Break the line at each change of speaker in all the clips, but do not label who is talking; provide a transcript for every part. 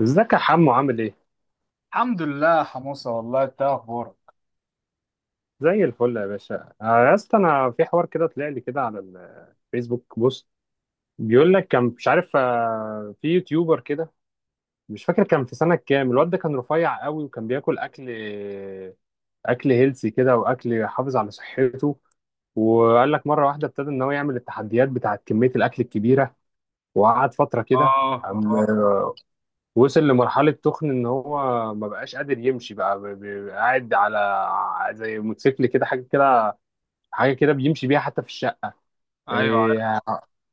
ازيك يا حمو عامل ايه؟
الحمد لله حموسة. والله انت اخبارك؟
زي الفل يا باشا. يا اسطى انا في حوار كده طلع لي كده على الفيسبوك بوست. بيقول لك كان مش عارف، في يوتيوبر كده، مش فاكر كان في سنة كام، الواد ده كان رفيع قوي وكان بياكل اكل، هيلسي كده، واكل يحافظ على صحته. وقال لك مرة واحدة ابتدى ان هو يعمل التحديات بتاعت كمية الاكل الكبيرة، وقعد فترة كده.
آه.
قام
آه.
وصل لمرحلة تخن، إن هو ما بقاش قادر يمشي بقى، قاعد على زي موتوسيكل كده، حاجة كده حاجه كده بيمشي بيها حتى في الشقه.
أيوة عارف.
إيه،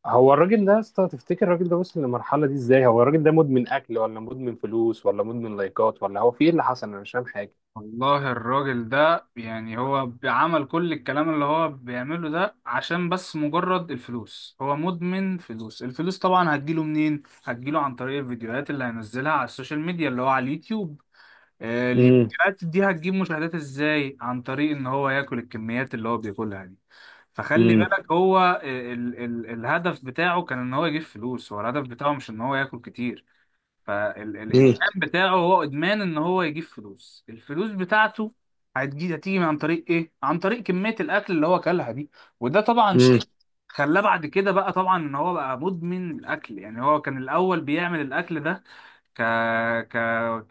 هو الراجل ده يا اسطى تفتكر الراجل ده وصل للمرحله دي ازاي؟ هو الراجل ده مدمن اكل ولا مدمن فلوس ولا مدمن لايكات، ولا هو في ايه اللي حصل؟ انا مش فاهم حاجه.
والله الراجل ده، يعني هو عمل كل الكلام اللي هو بيعمله ده عشان بس مجرد الفلوس، هو مدمن فلوس. الفلوس طبعا هتجيله منين؟ هتجيله عن طريق الفيديوهات اللي هينزلها على السوشيال ميديا، اللي هو على اليوتيوب.
امم
الفيديوهات دي هتجيب مشاهدات ازاي؟ عن طريق إن هو ياكل الكميات اللي هو بياكلها دي. فخلي
امم
بالك، هو ال الهدف بتاعه كان إن هو يجيب فلوس، هو الهدف بتاعه مش إن هو ياكل كتير.
امم
فالادمان بتاعه هو ادمان ان هو يجيب فلوس، الفلوس بتاعته هتيجي عن طريق ايه؟ عن طريق كمية الاكل اللي هو اكلها دي. وده طبعا
امم
شيء خلاه بعد كده، بقى طبعا ان هو بقى مدمن الاكل. يعني هو كان الاول بيعمل الاكل ده ك... ك...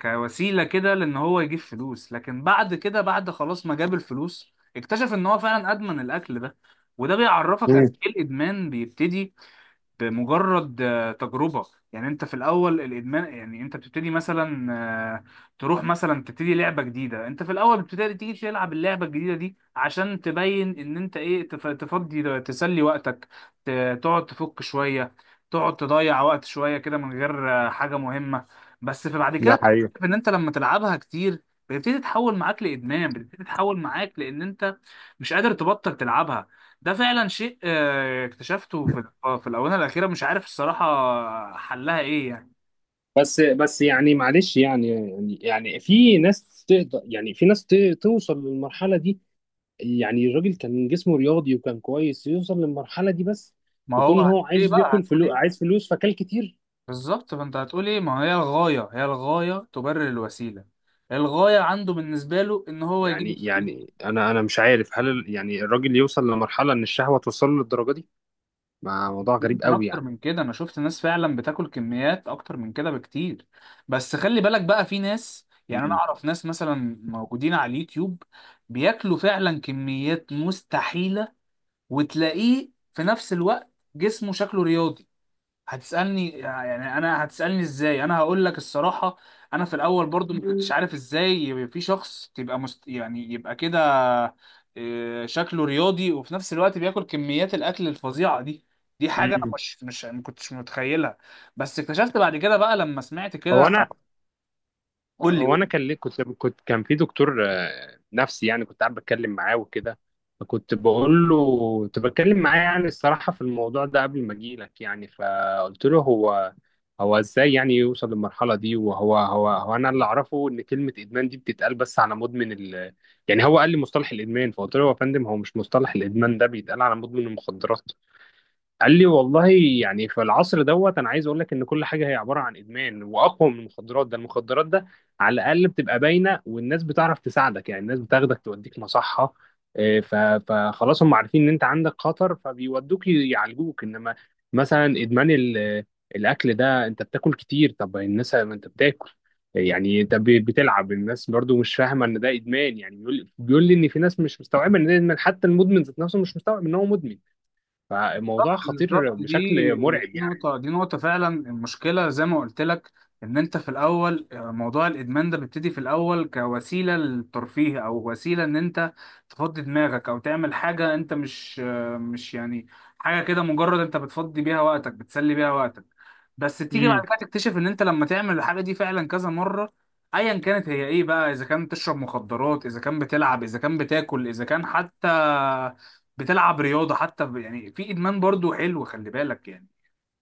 كوسيلة كده لان هو يجيب فلوس، لكن بعد كده، بعد خلاص ما جاب الفلوس، اكتشف ان هو فعلا ادمن الاكل ده. وده بيعرفك
امم
قد ايه الادمان بيبتدي بمجرد تجربة. يعني انت في الاول الادمان، يعني انت بتبتدي مثلا، آه، تروح مثلا تبتدي لعبة جديدة. انت في الاول بتبتدي تيجي تلعب اللعبة الجديدة دي عشان تبين ان انت ايه، تفضي تسلي وقتك، تقعد تفك شوية، تقعد تضيع وقت شوية كده من غير حاجة مهمة. بس في بعد كده
ده حقيقي.
بتكتشف ان انت لما تلعبها كتير بتبتدي تتحول معاك لادمان، بتبتدي تتحول معاك لان انت مش قادر تبطل تلعبها. ده فعلا شيء اكتشفته في في الآونة الأخيرة. مش عارف الصراحة حلها إيه يعني.
بس بس يعني معلش، يعني في ناس تقدر، يعني في ناس توصل للمرحله دي. يعني الراجل كان جسمه رياضي وكان كويس، يوصل للمرحله دي؟ بس
ما هو
يكون هو
هتقول إيه
عايز،
بقى،
بياكل
هتقول
فلوس،
إيه؟
عايز فلوس فكل كتير.
بالظبط. فأنت هتقول إيه؟ ما هي الغاية، هي الغاية تبرر الوسيلة. الغاية عنده بالنسبة له إن هو يجيب الفلوس.
يعني انا مش عارف، هل يعني الراجل يوصل لمرحله ان الشهوه توصل له للدرجه دي؟ ما موضوع غريب
ممكن
قوي
أكتر
يعني.
من كده، أنا شفت ناس فعلا بتاكل كميات أكتر من كده بكتير. بس خلي بالك بقى، في ناس، يعني أنا
امم
أعرف ناس مثلا موجودين على اليوتيوب بياكلوا فعلا كميات مستحيلة، وتلاقيه في نفس الوقت جسمه شكله رياضي. هتسألني يعني انا، هتسألني ازاي؟ انا هقول لك الصراحة، انا في الاول برضو ما كنتش عارف ازاي يبقى في شخص تبقى يعني يبقى كده شكله رياضي وفي نفس الوقت بياكل كميات الاكل الفظيعة دي. دي حاجة
امم
انا مش ما كنتش متخيلها. بس اكتشفت بعد كده بقى لما سمعت
هو
كده.
انا،
قول لي.
كان ليه، كنت كان في دكتور نفسي يعني، كنت قاعد بتكلم معاه وكده، فكنت بقول له، كنت بتكلم معاه يعني، الصراحه في الموضوع ده قبل ما اجي لك يعني. فقلت له هو، ازاي يعني يوصل للمرحله دي، وهو، هو هو انا اللي اعرفه ان كلمه ادمان دي بتتقال بس على مدمن يعني. هو قال لي مصطلح الادمان، فقلت له يا فندم، هو مش مصطلح الادمان ده بيتقال على مدمن المخدرات؟ قال لي والله يعني، في العصر دوت، انا عايز اقول لك ان كل حاجه هي عباره عن ادمان، واقوى من المخدرات. ده المخدرات ده على الاقل بتبقى باينه، والناس بتعرف تساعدك يعني، الناس بتاخدك توديك مصحه. إيه، فخلاص هم عارفين ان انت عندك خطر، فبيودوك يعالجوك. انما مثلا ادمان الاكل ده، انت بتاكل كتير، طب الناس، ما انت بتاكل يعني، انت بتلعب، الناس برضو مش فاهمه ان ده ادمان يعني. بيقول لي ان في ناس مش مستوعبه ان ده ادمان، حتى المدمن ذات نفسه مش مستوعب ان هو مدمن. فالموضوع
بالظبط، بالظبط.
خطير بشكل
دي
مرعب يعني.
نقطة، دي نقطة فعلا. المشكلة زي ما قلت لك، إن أنت في الأول موضوع الإدمان ده بيبتدي في الأول كوسيلة للترفيه، أو وسيلة إن أنت تفضي دماغك أو تعمل حاجة. أنت مش مش يعني حاجة كده، مجرد أنت بتفضي بيها وقتك، بتسلي بيها وقتك. بس تيجي بعد
امم
كده تكتشف إن أنت لما تعمل الحاجة دي فعلا كذا مرة، أيا كانت هي إيه بقى، إذا كان تشرب مخدرات، إذا كان بتلعب، إذا كان بتاكل، إذا كان حتى بتلعب رياضه. حتى يعني في ادمان برضو حلو، خلي بالك يعني.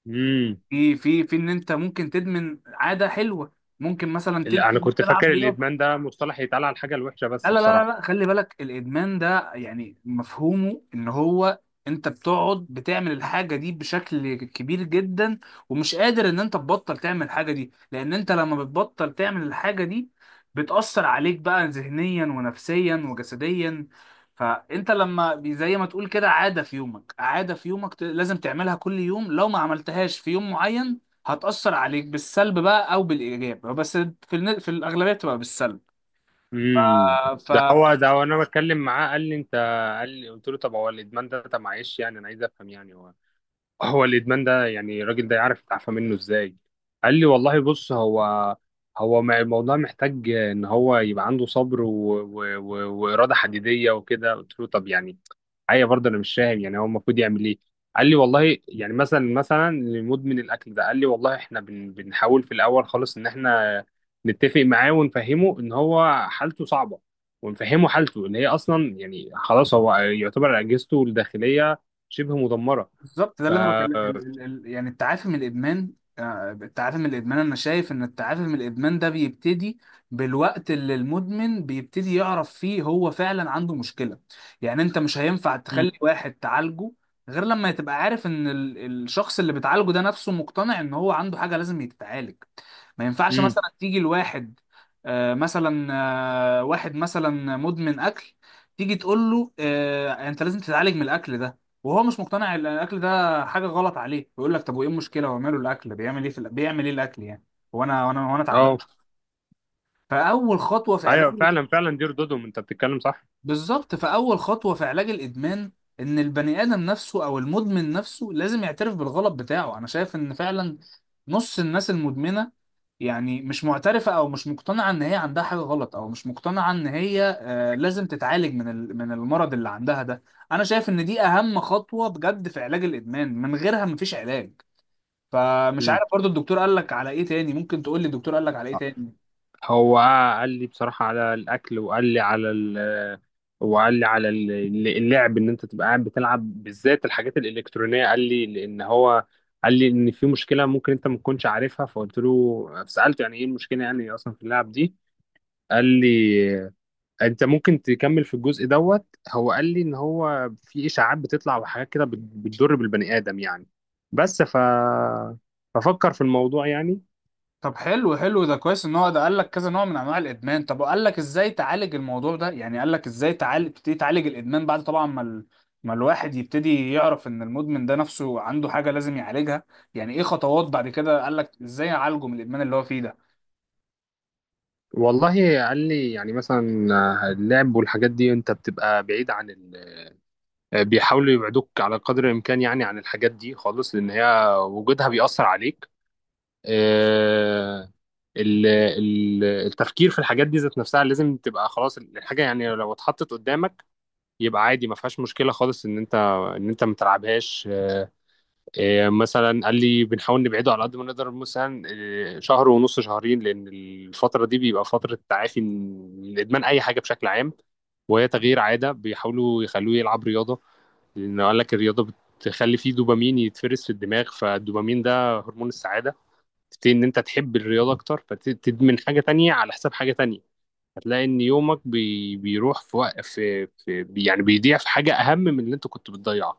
امم
في ان انت ممكن تدمن عاده حلوه، ممكن مثلا
انا كنت
تلعب
فاكر
رياضه.
الادمان ده مصطلح يتقال على الحاجه الوحشه
لا
بس،
لا لا
بصراحه.
لا، خلي بالك الادمان ده يعني مفهومه ان هو انت بتقعد بتعمل الحاجه دي بشكل كبير جدا، ومش قادر ان انت تبطل تعمل الحاجه دي. لان انت لما بتبطل تعمل الحاجه دي، بتأثر عليك بقى ذهنيا ونفسيا وجسديا. فانت لما زي ما تقول كده، عاده في يومك، عاده في يومك لازم تعملها كل يوم. لو ما عملتهاش في يوم معين، هتأثر عليك بالسلب بقى او بالايجاب، بس في في الاغلبيه بتبقى
امم ده
بالسلب.
هو ده. وانا بتكلم معاه قال لي، انت قال لي قلت له طب هو الادمان ده، طب معلش يعني انا عايز افهم يعني، هو، الادمان ده يعني الراجل ده يعرف يتعافى منه ازاي؟ قال لي والله بص، هو، الموضوع محتاج ان هو يبقى عنده صبر واراده حديديه وكده. قلت له طب يعني، حقيقة برضه انا مش فاهم يعني، هو المفروض يعمل ايه؟ قال لي والله يعني، مثلا، لمدمن الاكل ده، قال لي والله احنا، بنحاول في الاول خالص ان احنا نتفق معاه، ونفهمه ان هو حالته صعبة، ونفهمه حالته ان هي اصلا، يعني خلاص، هو يعتبر اجهزته الداخلية شبه مدمرة.
بالظبط، ده
ف
اللي انا بكلم يعني التعافي من الادمان. التعافي من الادمان، انا شايف ان التعافي من الادمان ده بيبتدي بالوقت اللي المدمن بيبتدي يعرف فيه هو فعلا عنده مشكلة. يعني انت مش هينفع
مم.
تخلي واحد تعالجه غير لما تبقى عارف ان الشخص اللي بتعالجه ده نفسه مقتنع ان هو عنده حاجة لازم يتعالج. ما ينفعش
مم.
مثلا تيجي لواحد مثلا واحد مثلا مدمن اكل، تيجي تقول له آه انت لازم تتعالج من الاكل ده، وهو مش مقتنع ان الاكل ده حاجه غلط عليه. يقول لك طب وايه المشكله؟ هو ماله الاكل؟ بيعمل ايه في بيعمل ايه الاكل يعني؟ وانا وانا
اه،
تعبان. فاول خطوه في
ايوه
علاج،
فعلا فعلا، دير دودوم، انت بتتكلم صح.
بالظبط فأول خطوة في علاج الإدمان، إن البني آدم نفسه أو المدمن نفسه لازم يعترف بالغلط بتاعه. أنا شايف إن فعلا نص الناس المدمنة يعني مش معترفة أو مش مقتنعة إن هي عندها حاجة غلط، أو مش مقتنعة إن هي لازم تتعالج من من المرض اللي عندها ده. أنا شايف إن دي أهم خطوة بجد في علاج الإدمان، من غيرها مفيش علاج. فمش
مم.
عارف برضو الدكتور قال لك على إيه تاني، ممكن تقول لي الدكتور قال لك على إيه
آه.
تاني؟
هو قال لي بصراحة على الأكل، وقال لي على وقال لي على اللعب، ان انت تبقى قاعد بتلعب، بالذات الحاجات الالكترونيه. قال لي لان هو، قال لي ان في مشكله ممكن انت ما تكونش عارفها، فقلت له، سالته يعني ايه المشكله يعني اصلا في اللعب دي؟ قال لي انت ممكن تكمل في الجزء دوت. هو قال لي ان هو في اشاعات بتطلع، وحاجات كده بتضر بالبني ادم يعني. بس، ففكر في الموضوع يعني.
طب حلو، حلو ده، كويس ان هو ده قال لك كذا نوع من انواع الادمان. طب وقال لك ازاي تعالج الموضوع ده؟ يعني قال لك ازاي تعالج، تبتدي تعالج الادمان، بعد طبعا ما الواحد يبتدي يعرف ان المدمن ده نفسه عنده حاجة لازم يعالجها؟ يعني ايه خطوات بعد كده قال لك ازاي اعالجه من الادمان اللي هو فيه ده؟
والله قال لي يعني مثلا، اللعب والحاجات دي انت بتبقى بعيد عن، بيحاولوا يبعدوك على قدر الإمكان يعني، عن الحاجات دي خالص، لأن هي وجودها بيأثر عليك. آه، التفكير في الحاجات دي ذات نفسها لازم تبقى خلاص، الحاجة يعني لو اتحطت قدامك، يبقى عادي، ما فيهاش مشكلة خالص إن أنت، ما تلعبهاش. مثلا قال لي بنحاول نبعده على قد ما نقدر، مثلا شهر ونص، شهرين، لأن الفترة دي بيبقى فترة تعافي من إدمان أي حاجة بشكل عام. وهي تغيير عادة، بيحاولوا يخلوه يلعب رياضة، لأن قال لك الرياضة بتخلي فيه دوبامين يتفرز في الدماغ، فالدوبامين ده هرمون السعادة. تبتدي إن أنت تحب الرياضة أكتر، فتدمن حاجة تانية على حساب حاجة تانية. هتلاقي إن يومك بيروح في يعني، بيضيع في حاجة أهم من اللي أنت كنت بتضيعها.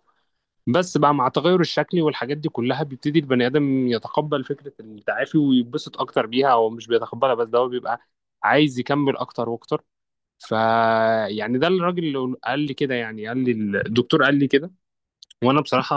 بس بقى، مع التغير الشكلي والحاجات دي كلها، بيبتدي البني ادم يتقبل فكره التعافي ويتبسط اكتر بيها. هو مش بيتقبلها بس، ده هو بيبقى عايز يكمل اكتر واكتر. ف يعني ده الراجل اللي قال لي كده، يعني، قال لي الدكتور قال لي كده، وانا بصراحه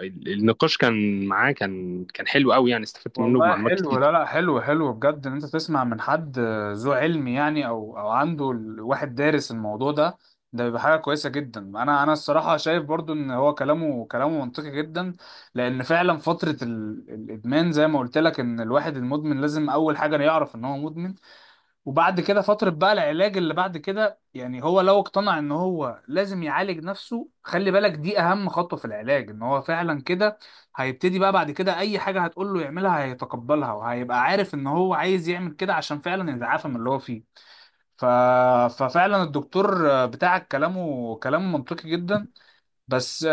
النقاش كان معاه، كان، حلو قوي يعني، استفدت منه
والله
بمعلومات
حلو،
كتير.
لا لا، حلو حلو بجد ان انت تسمع من حد ذو علم يعني، او او عنده واحد دارس الموضوع ده. ده بيبقى حاجه كويسه جدا. انا الصراحه شايف برضو ان هو كلامه، كلامه منطقي جدا. لان فعلا فتره الادمان زي ما قلت لك، ان الواحد المدمن لازم اول حاجه يعرف ان هو مدمن. وبعد كده فترة بقى العلاج اللي بعد كده. يعني هو لو اقتنع ان هو لازم يعالج نفسه، خلي بالك دي اهم خطوة في العلاج. ان هو فعلا كده هيبتدي بقى بعد كده اي حاجة هتقول له يعملها هيتقبلها، وهيبقى عارف ان هو عايز يعمل كده عشان فعلا يتعافى من اللي هو فيه. ف... ففعلا الدكتور بتاعك كلامه، كلامه منطقي جدا. بس،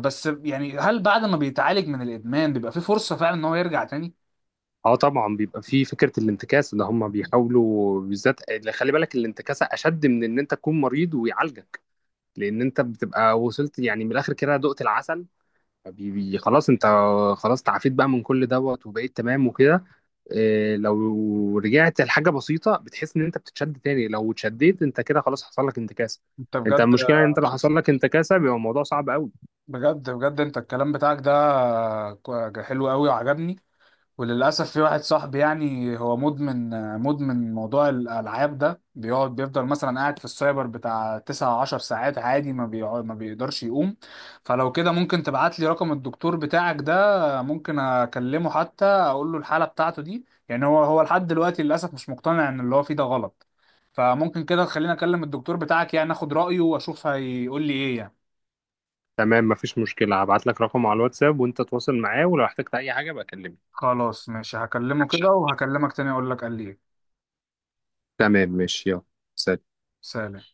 بس يعني، هل بعد ما بيتعالج من الادمان بيبقى فيه فرصة فعلا ان هو يرجع تاني؟
اه طبعا، بيبقى في فكره الانتكاسه، اللي هم بيحاولوا بالذات، خلي بالك، الانتكاسه اشد من ان انت تكون مريض ويعالجك، لان انت بتبقى وصلت يعني من الاخر كده، دقت العسل. خلاص انت، خلاص تعافيت بقى من كل دوت، وبقيت تمام وكده. إيه، لو رجعت لحاجه بسيطه، بتحس ان انت بتتشد تاني، لو اتشديت انت كده خلاص حصل لك انتكاسه.
انت
انت
بجد،
المشكله ان انت لو حصل لك انتكاسه بيبقى الموضوع صعب قوي.
بجد بجد، انت الكلام بتاعك ده حلو قوي وعجبني. وللاسف في واحد صاحبي يعني هو مدمن، مدمن موضوع الالعاب ده. بيقعد بيفضل مثلا قاعد في السايبر بتاع 9 10 ساعات عادي، ما بيقعد ما بيقدرش يقوم. فلو كده ممكن تبعت لي رقم الدكتور بتاعك ده، ممكن اكلمه حتى اقول له الحالة بتاعته دي. يعني هو لحد دلوقتي للاسف مش مقتنع ان اللي هو فيه ده غلط. فممكن كده تخليني اكلم الدكتور بتاعك، يعني اخد رأيه واشوف هيقول لي ايه يعني.
تمام، مفيش مشكلة، هبعت لك رقمه على الواتساب وانت تواصل معاه، ولو احتجت اي حاجة بكلمني.
خلاص ماشي، هكلمه كده وهكلمك تاني اقول لك قال لي ايه.
تمام ماشي، يلا، سلام.
سلام.